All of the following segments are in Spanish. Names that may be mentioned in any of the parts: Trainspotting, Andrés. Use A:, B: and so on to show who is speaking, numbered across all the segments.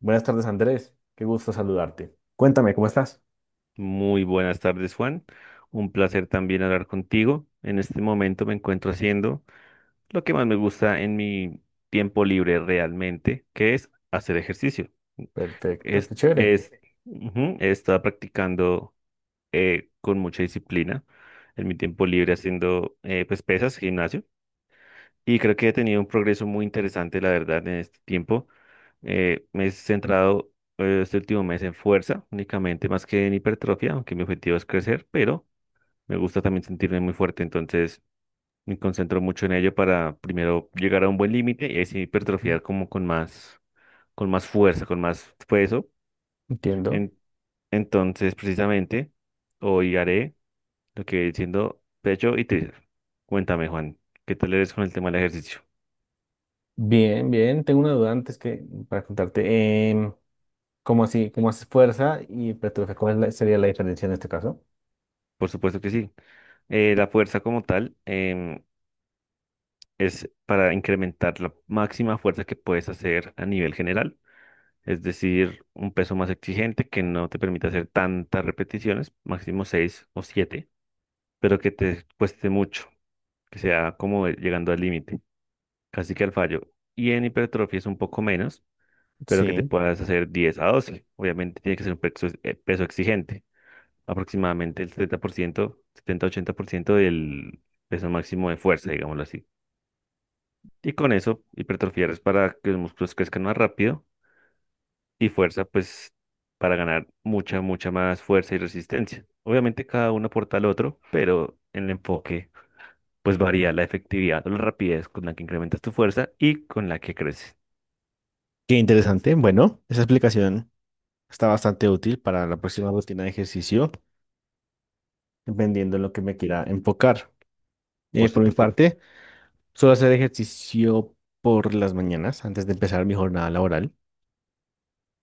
A: Buenas tardes, Andrés. Qué gusto saludarte. Cuéntame, ¿cómo estás?
B: Muy buenas tardes, Juan. Un placer también hablar contigo. En este momento me encuentro haciendo lo que más me gusta en mi tiempo libre realmente, que es hacer ejercicio.
A: Perfecto, qué
B: Es,
A: chévere.
B: es, ujú, he estado practicando con mucha disciplina en mi tiempo libre haciendo pues pesas, gimnasio. Y creo que he tenido un progreso muy interesante, la verdad, en este tiempo. Me he centrado este último mes en fuerza únicamente, más que en hipertrofia, aunque mi objetivo es crecer, pero... Me gusta también sentirme muy fuerte, entonces me concentro mucho en ello para primero llegar a un buen límite y así hipertrofiar como con más fuerza, con más peso.
A: Entiendo.
B: En- entonces, precisamente, hoy haré lo que viene siendo pecho y tríceps. Cuéntame, Juan, ¿qué tal eres con el tema del ejercicio?
A: Bien, bien. Tengo una duda antes que para contarte. ¿Cómo así? ¿Cómo haces fuerza y hipertrofia? ¿Sería la diferencia en este caso?
B: Por supuesto que sí. La fuerza como tal es para incrementar la máxima fuerza que puedes hacer a nivel general, es decir, un peso más exigente que no te permite hacer tantas repeticiones, máximo 6 o 7, pero que te cueste mucho, que sea como llegando al límite, casi que al fallo. Y en hipertrofia es un poco menos, pero que te
A: Sí,
B: puedas hacer 10 a 12. Obviamente tiene que ser un peso, peso exigente, aproximadamente el setenta por ciento, 80% del peso máximo de fuerza, digámoslo así. Y con eso, hipertrofiar es para que los músculos crezcan más rápido, y fuerza, pues para ganar mucha, mucha más fuerza y resistencia. Obviamente cada uno aporta al otro, pero en el enfoque pues varía la efectividad o la rapidez con la que incrementas tu fuerza y con la que creces.
A: qué interesante. Bueno, esa explicación está bastante útil para la próxima rutina de ejercicio, dependiendo de lo que me quiera enfocar.
B: Por
A: Por mi
B: supuesto,
A: parte, suelo hacer ejercicio por las mañanas antes de empezar mi jornada laboral.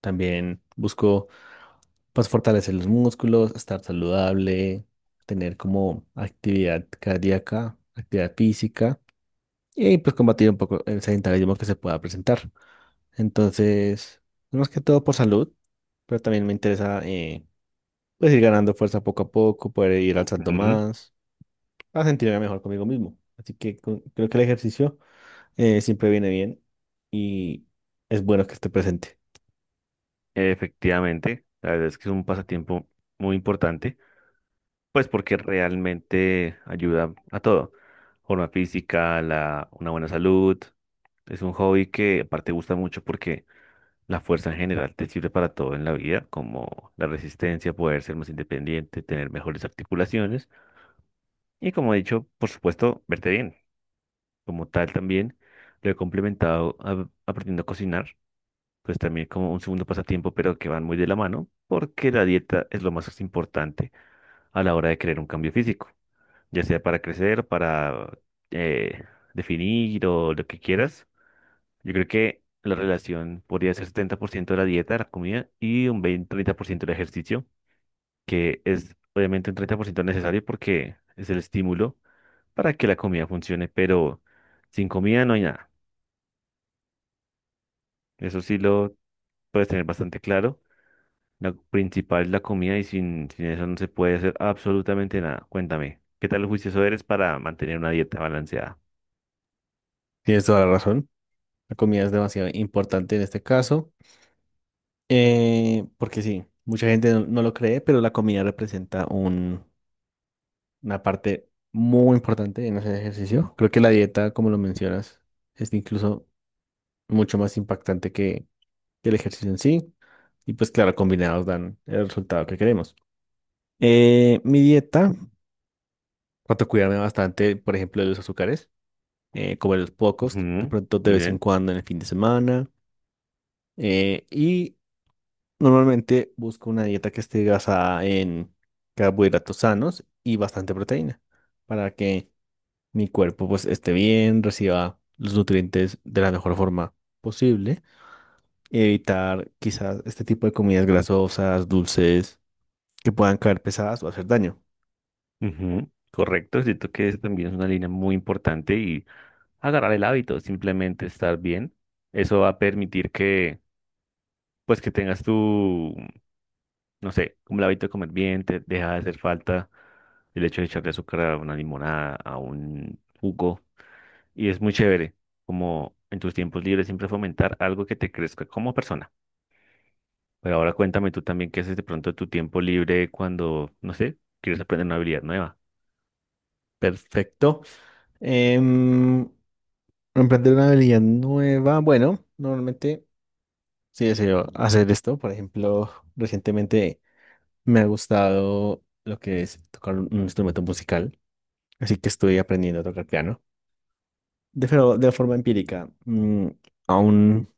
A: También busco pues fortalecer los músculos, estar saludable, tener como actividad cardíaca, actividad física y pues combatir un poco el sedentarismo que se pueda presentar. Entonces, más que todo por salud, pero también me interesa pues ir ganando fuerza poco a poco, poder ir alzando
B: ujú,
A: más, para sentirme mejor conmigo mismo. Así que creo que el ejercicio siempre viene bien y es bueno que esté presente.
B: efectivamente, la verdad es que es un pasatiempo muy importante, pues porque realmente ayuda a todo. Forma física, la, una buena salud. Es un hobby que aparte gusta mucho porque la fuerza en general te sirve para todo en la vida, como la resistencia, poder ser más independiente, tener mejores articulaciones y, como he dicho, por supuesto, verte bien. Como tal, también lo he complementado aprendiendo a cocinar, pues también como un segundo pasatiempo, pero que van muy de la mano, porque la dieta es lo más importante a la hora de crear un cambio físico, ya sea para crecer, para eh, definir o lo que quieras. Yo creo que la relación podría ser 70% de la dieta, la comida, y un 20, 30% del ejercicio, que es obviamente un 30% necesario porque es el estímulo para que la comida funcione, pero sin comida no hay nada. Eso sí lo puedes tener bastante claro. Lo principal es la comida y sin eso no se puede hacer absolutamente nada. Cuéntame, ¿qué tal juicioso eres para mantener una dieta balanceada?
A: Tienes toda la razón. La comida es demasiado importante en este caso. Porque sí, mucha gente no lo cree, pero la comida representa una parte muy importante en hacer ejercicio. Creo que la dieta, como lo mencionas, es incluso mucho más impactante que el ejercicio en sí. Y pues claro, combinados dan el resultado que queremos. Mi dieta, trato de cuidarme bastante, por ejemplo, de los azúcares, comer los pocos, de
B: Ujú,
A: pronto de
B: muy
A: vez en
B: bien.
A: cuando en el fin de semana. eh, y Normalmente busco una dieta que esté basada en carbohidratos sanos y bastante proteína para que mi cuerpo pues esté bien, reciba los nutrientes de la mejor forma posible y evitar quizás este tipo de comidas grasosas, dulces, que puedan caer pesadas o hacer daño.
B: Ujú, correcto, siento que eso también es una línea muy importante y agarrar el hábito, simplemente estar bien. Eso va a permitir que, pues, que tengas tu, no sé, como el hábito de comer bien, te deja de hacer falta el hecho de echarle azúcar a una limonada, a un jugo. Y es muy chévere, como en tus tiempos libres, siempre fomentar algo que te crezca como persona. Pero ahora cuéntame tú también qué haces de pronto de tu tiempo libre cuando, no sé, quieres aprender una habilidad nueva.
A: Perfecto. Em, Emprender una habilidad nueva. Bueno, normalmente sí deseo hacer esto. Por ejemplo, recientemente me ha gustado lo que es tocar un instrumento musical, así que estoy aprendiendo a tocar piano. Pero de forma empírica. Aún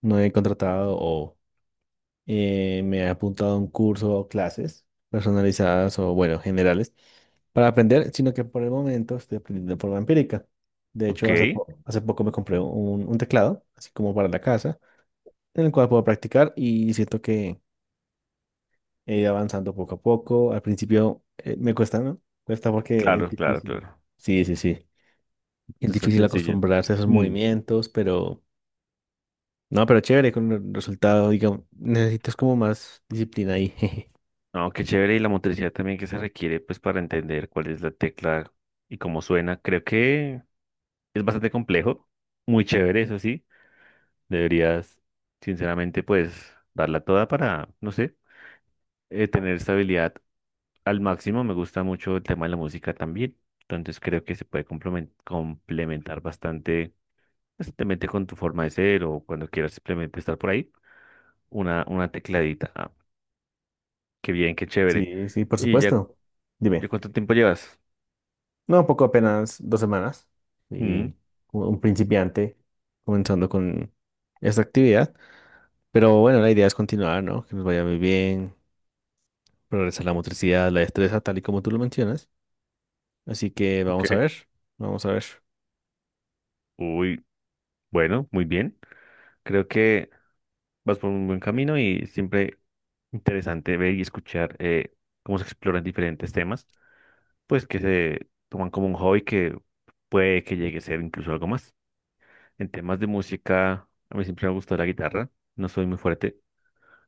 A: no he contratado o me he apuntado a un curso o clases personalizadas o, bueno, generales para aprender, sino que por el momento estoy aprendiendo de forma empírica. De
B: Ok,
A: hecho, hace poco me compré un teclado, así como para la casa, en el cual puedo practicar y siento que he ido avanzando poco a poco. Al principio me cuesta, ¿no? Cuesta porque es
B: claro, claro,
A: difícil.
B: claro.
A: Sí, sí, sí. Es
B: Es tan
A: difícil
B: sencillo.
A: acostumbrarse a esos movimientos, pero... No, pero chévere con el resultado, digamos. Necesitas como más disciplina ahí. Jeje.
B: No, qué chévere, y la motricidad también que se requiere pues para entender cuál es la tecla y cómo suena. Creo que es bastante complejo, muy chévere, eso sí. Deberías, sinceramente, pues darla toda para, no sé, tener estabilidad al máximo. Me gusta mucho el tema de la música también, entonces creo que se puede complementar bastante, pues, simplemente con tu forma de ser o cuando quieras simplemente estar por ahí, una tecladita. Ah, qué bien, qué chévere.
A: Sí, sí, por
B: ¿Y ya,
A: supuesto.
B: ya
A: Dime.
B: cuánto tiempo llevas?
A: No, poco, apenas dos semanas.
B: Mm.
A: Y como un principiante comenzando con esta actividad. Pero bueno, la idea es continuar, ¿no? Que nos vaya muy bien, progresar la motricidad, la destreza, tal y como tú lo mencionas. Así que
B: Ok.
A: vamos a ver, vamos a ver.
B: Uy, bueno, muy bien. Creo que vas por un buen camino y siempre interesante ver y escuchar cómo se exploran diferentes temas, pues que se toman como un hobby que puede que llegue a ser incluso algo más. En temas de música, a mí siempre me gustó la guitarra. No soy muy fuerte,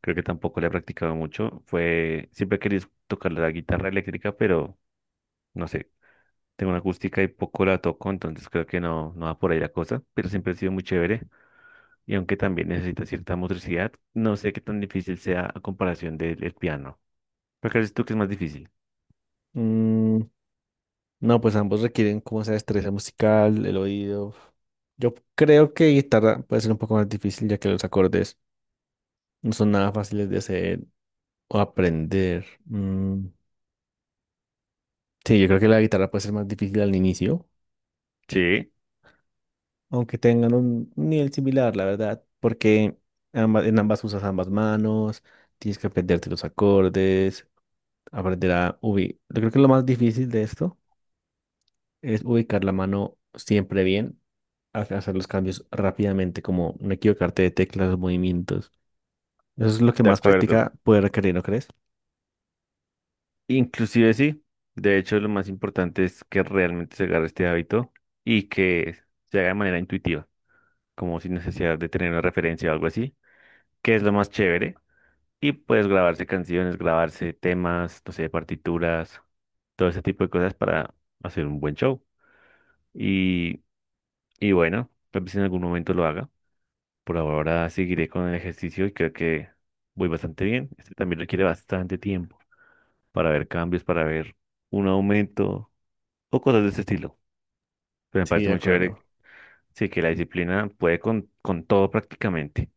B: creo que tampoco la he practicado mucho. Siempre he querido tocar la guitarra eléctrica, pero no sé. Tengo una acústica y poco la toco, entonces creo que no, no va por ahí la cosa, pero siempre ha sido muy chévere. Y aunque también necesita cierta motricidad, no sé qué tan difícil sea a comparación del el piano. ¿Por qué crees tú que es más difícil?
A: Mm, no, pues ambos requieren como esa destreza musical, el oído. Yo creo que guitarra puede ser un poco más difícil ya que los acordes no son nada fáciles de hacer o aprender. Mm, sí, yo creo que la guitarra puede ser más difícil al inicio,
B: Sí,
A: aunque tengan un nivel similar, la verdad, porque ambas, en ambas usas ambas manos, tienes que aprenderte los acordes, aprender a ubicar. Yo creo que lo más difícil de esto es ubicar la mano siempre bien, hacer los cambios rápidamente, como no equivocarte de teclas, movimientos. Eso es lo que
B: de
A: más
B: acuerdo.
A: práctica puede requerir, ¿no crees?
B: Inclusive sí, de hecho lo más importante es que realmente se agarre este hábito y que se haga de manera intuitiva, como sin necesidad de tener una referencia o algo así, que es lo más chévere. Y puedes grabarse canciones, grabarse temas, no sé, partituras, todo ese tipo de cosas para hacer un buen show. Y, y bueno, tal vez en algún momento lo haga. Por ahora seguiré con el ejercicio y creo que voy bastante bien. Este también requiere bastante tiempo para ver cambios, para ver un aumento o cosas de ese estilo. Pero me
A: Sí,
B: parece
A: de
B: muy chévere,
A: acuerdo.
B: sí, que la disciplina puede con todo prácticamente.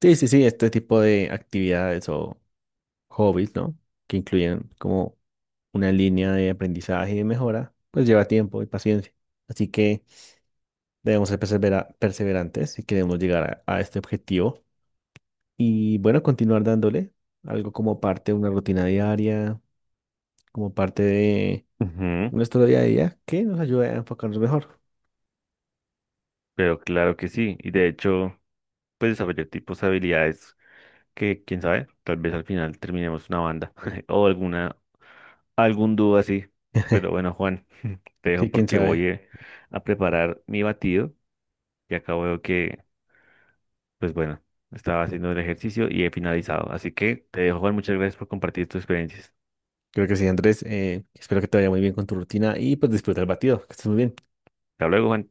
A: Sí, sí, sí, este tipo de actividades o hobbies, ¿no? Que incluyen como una línea de aprendizaje y de mejora, pues lleva tiempo y paciencia. Así que debemos ser perseverantes si queremos llegar a este objetivo. Y bueno, continuar dándole algo como parte de una rutina diaria, como parte
B: Ujú,
A: nuestra día a día que nos ayude a enfocarnos mejor.
B: pero claro que sí, y de hecho, pues desarrollar tipos de habilidades que, quién sabe, tal vez al final terminemos una banda o alguna, algún dúo así. Pero bueno, Juan, te dejo
A: Sí, quién
B: porque voy
A: sabe.
B: a preparar mi batido y acabo de que... Pues bueno, estaba haciendo el ejercicio y he finalizado. Así que te dejo, Juan, muchas gracias por compartir tus experiencias.
A: Creo que sí, Andrés. Espero que te vaya muy bien con tu rutina y pues disfruta el batido. Que estés muy bien.
B: Hasta luego, Juan.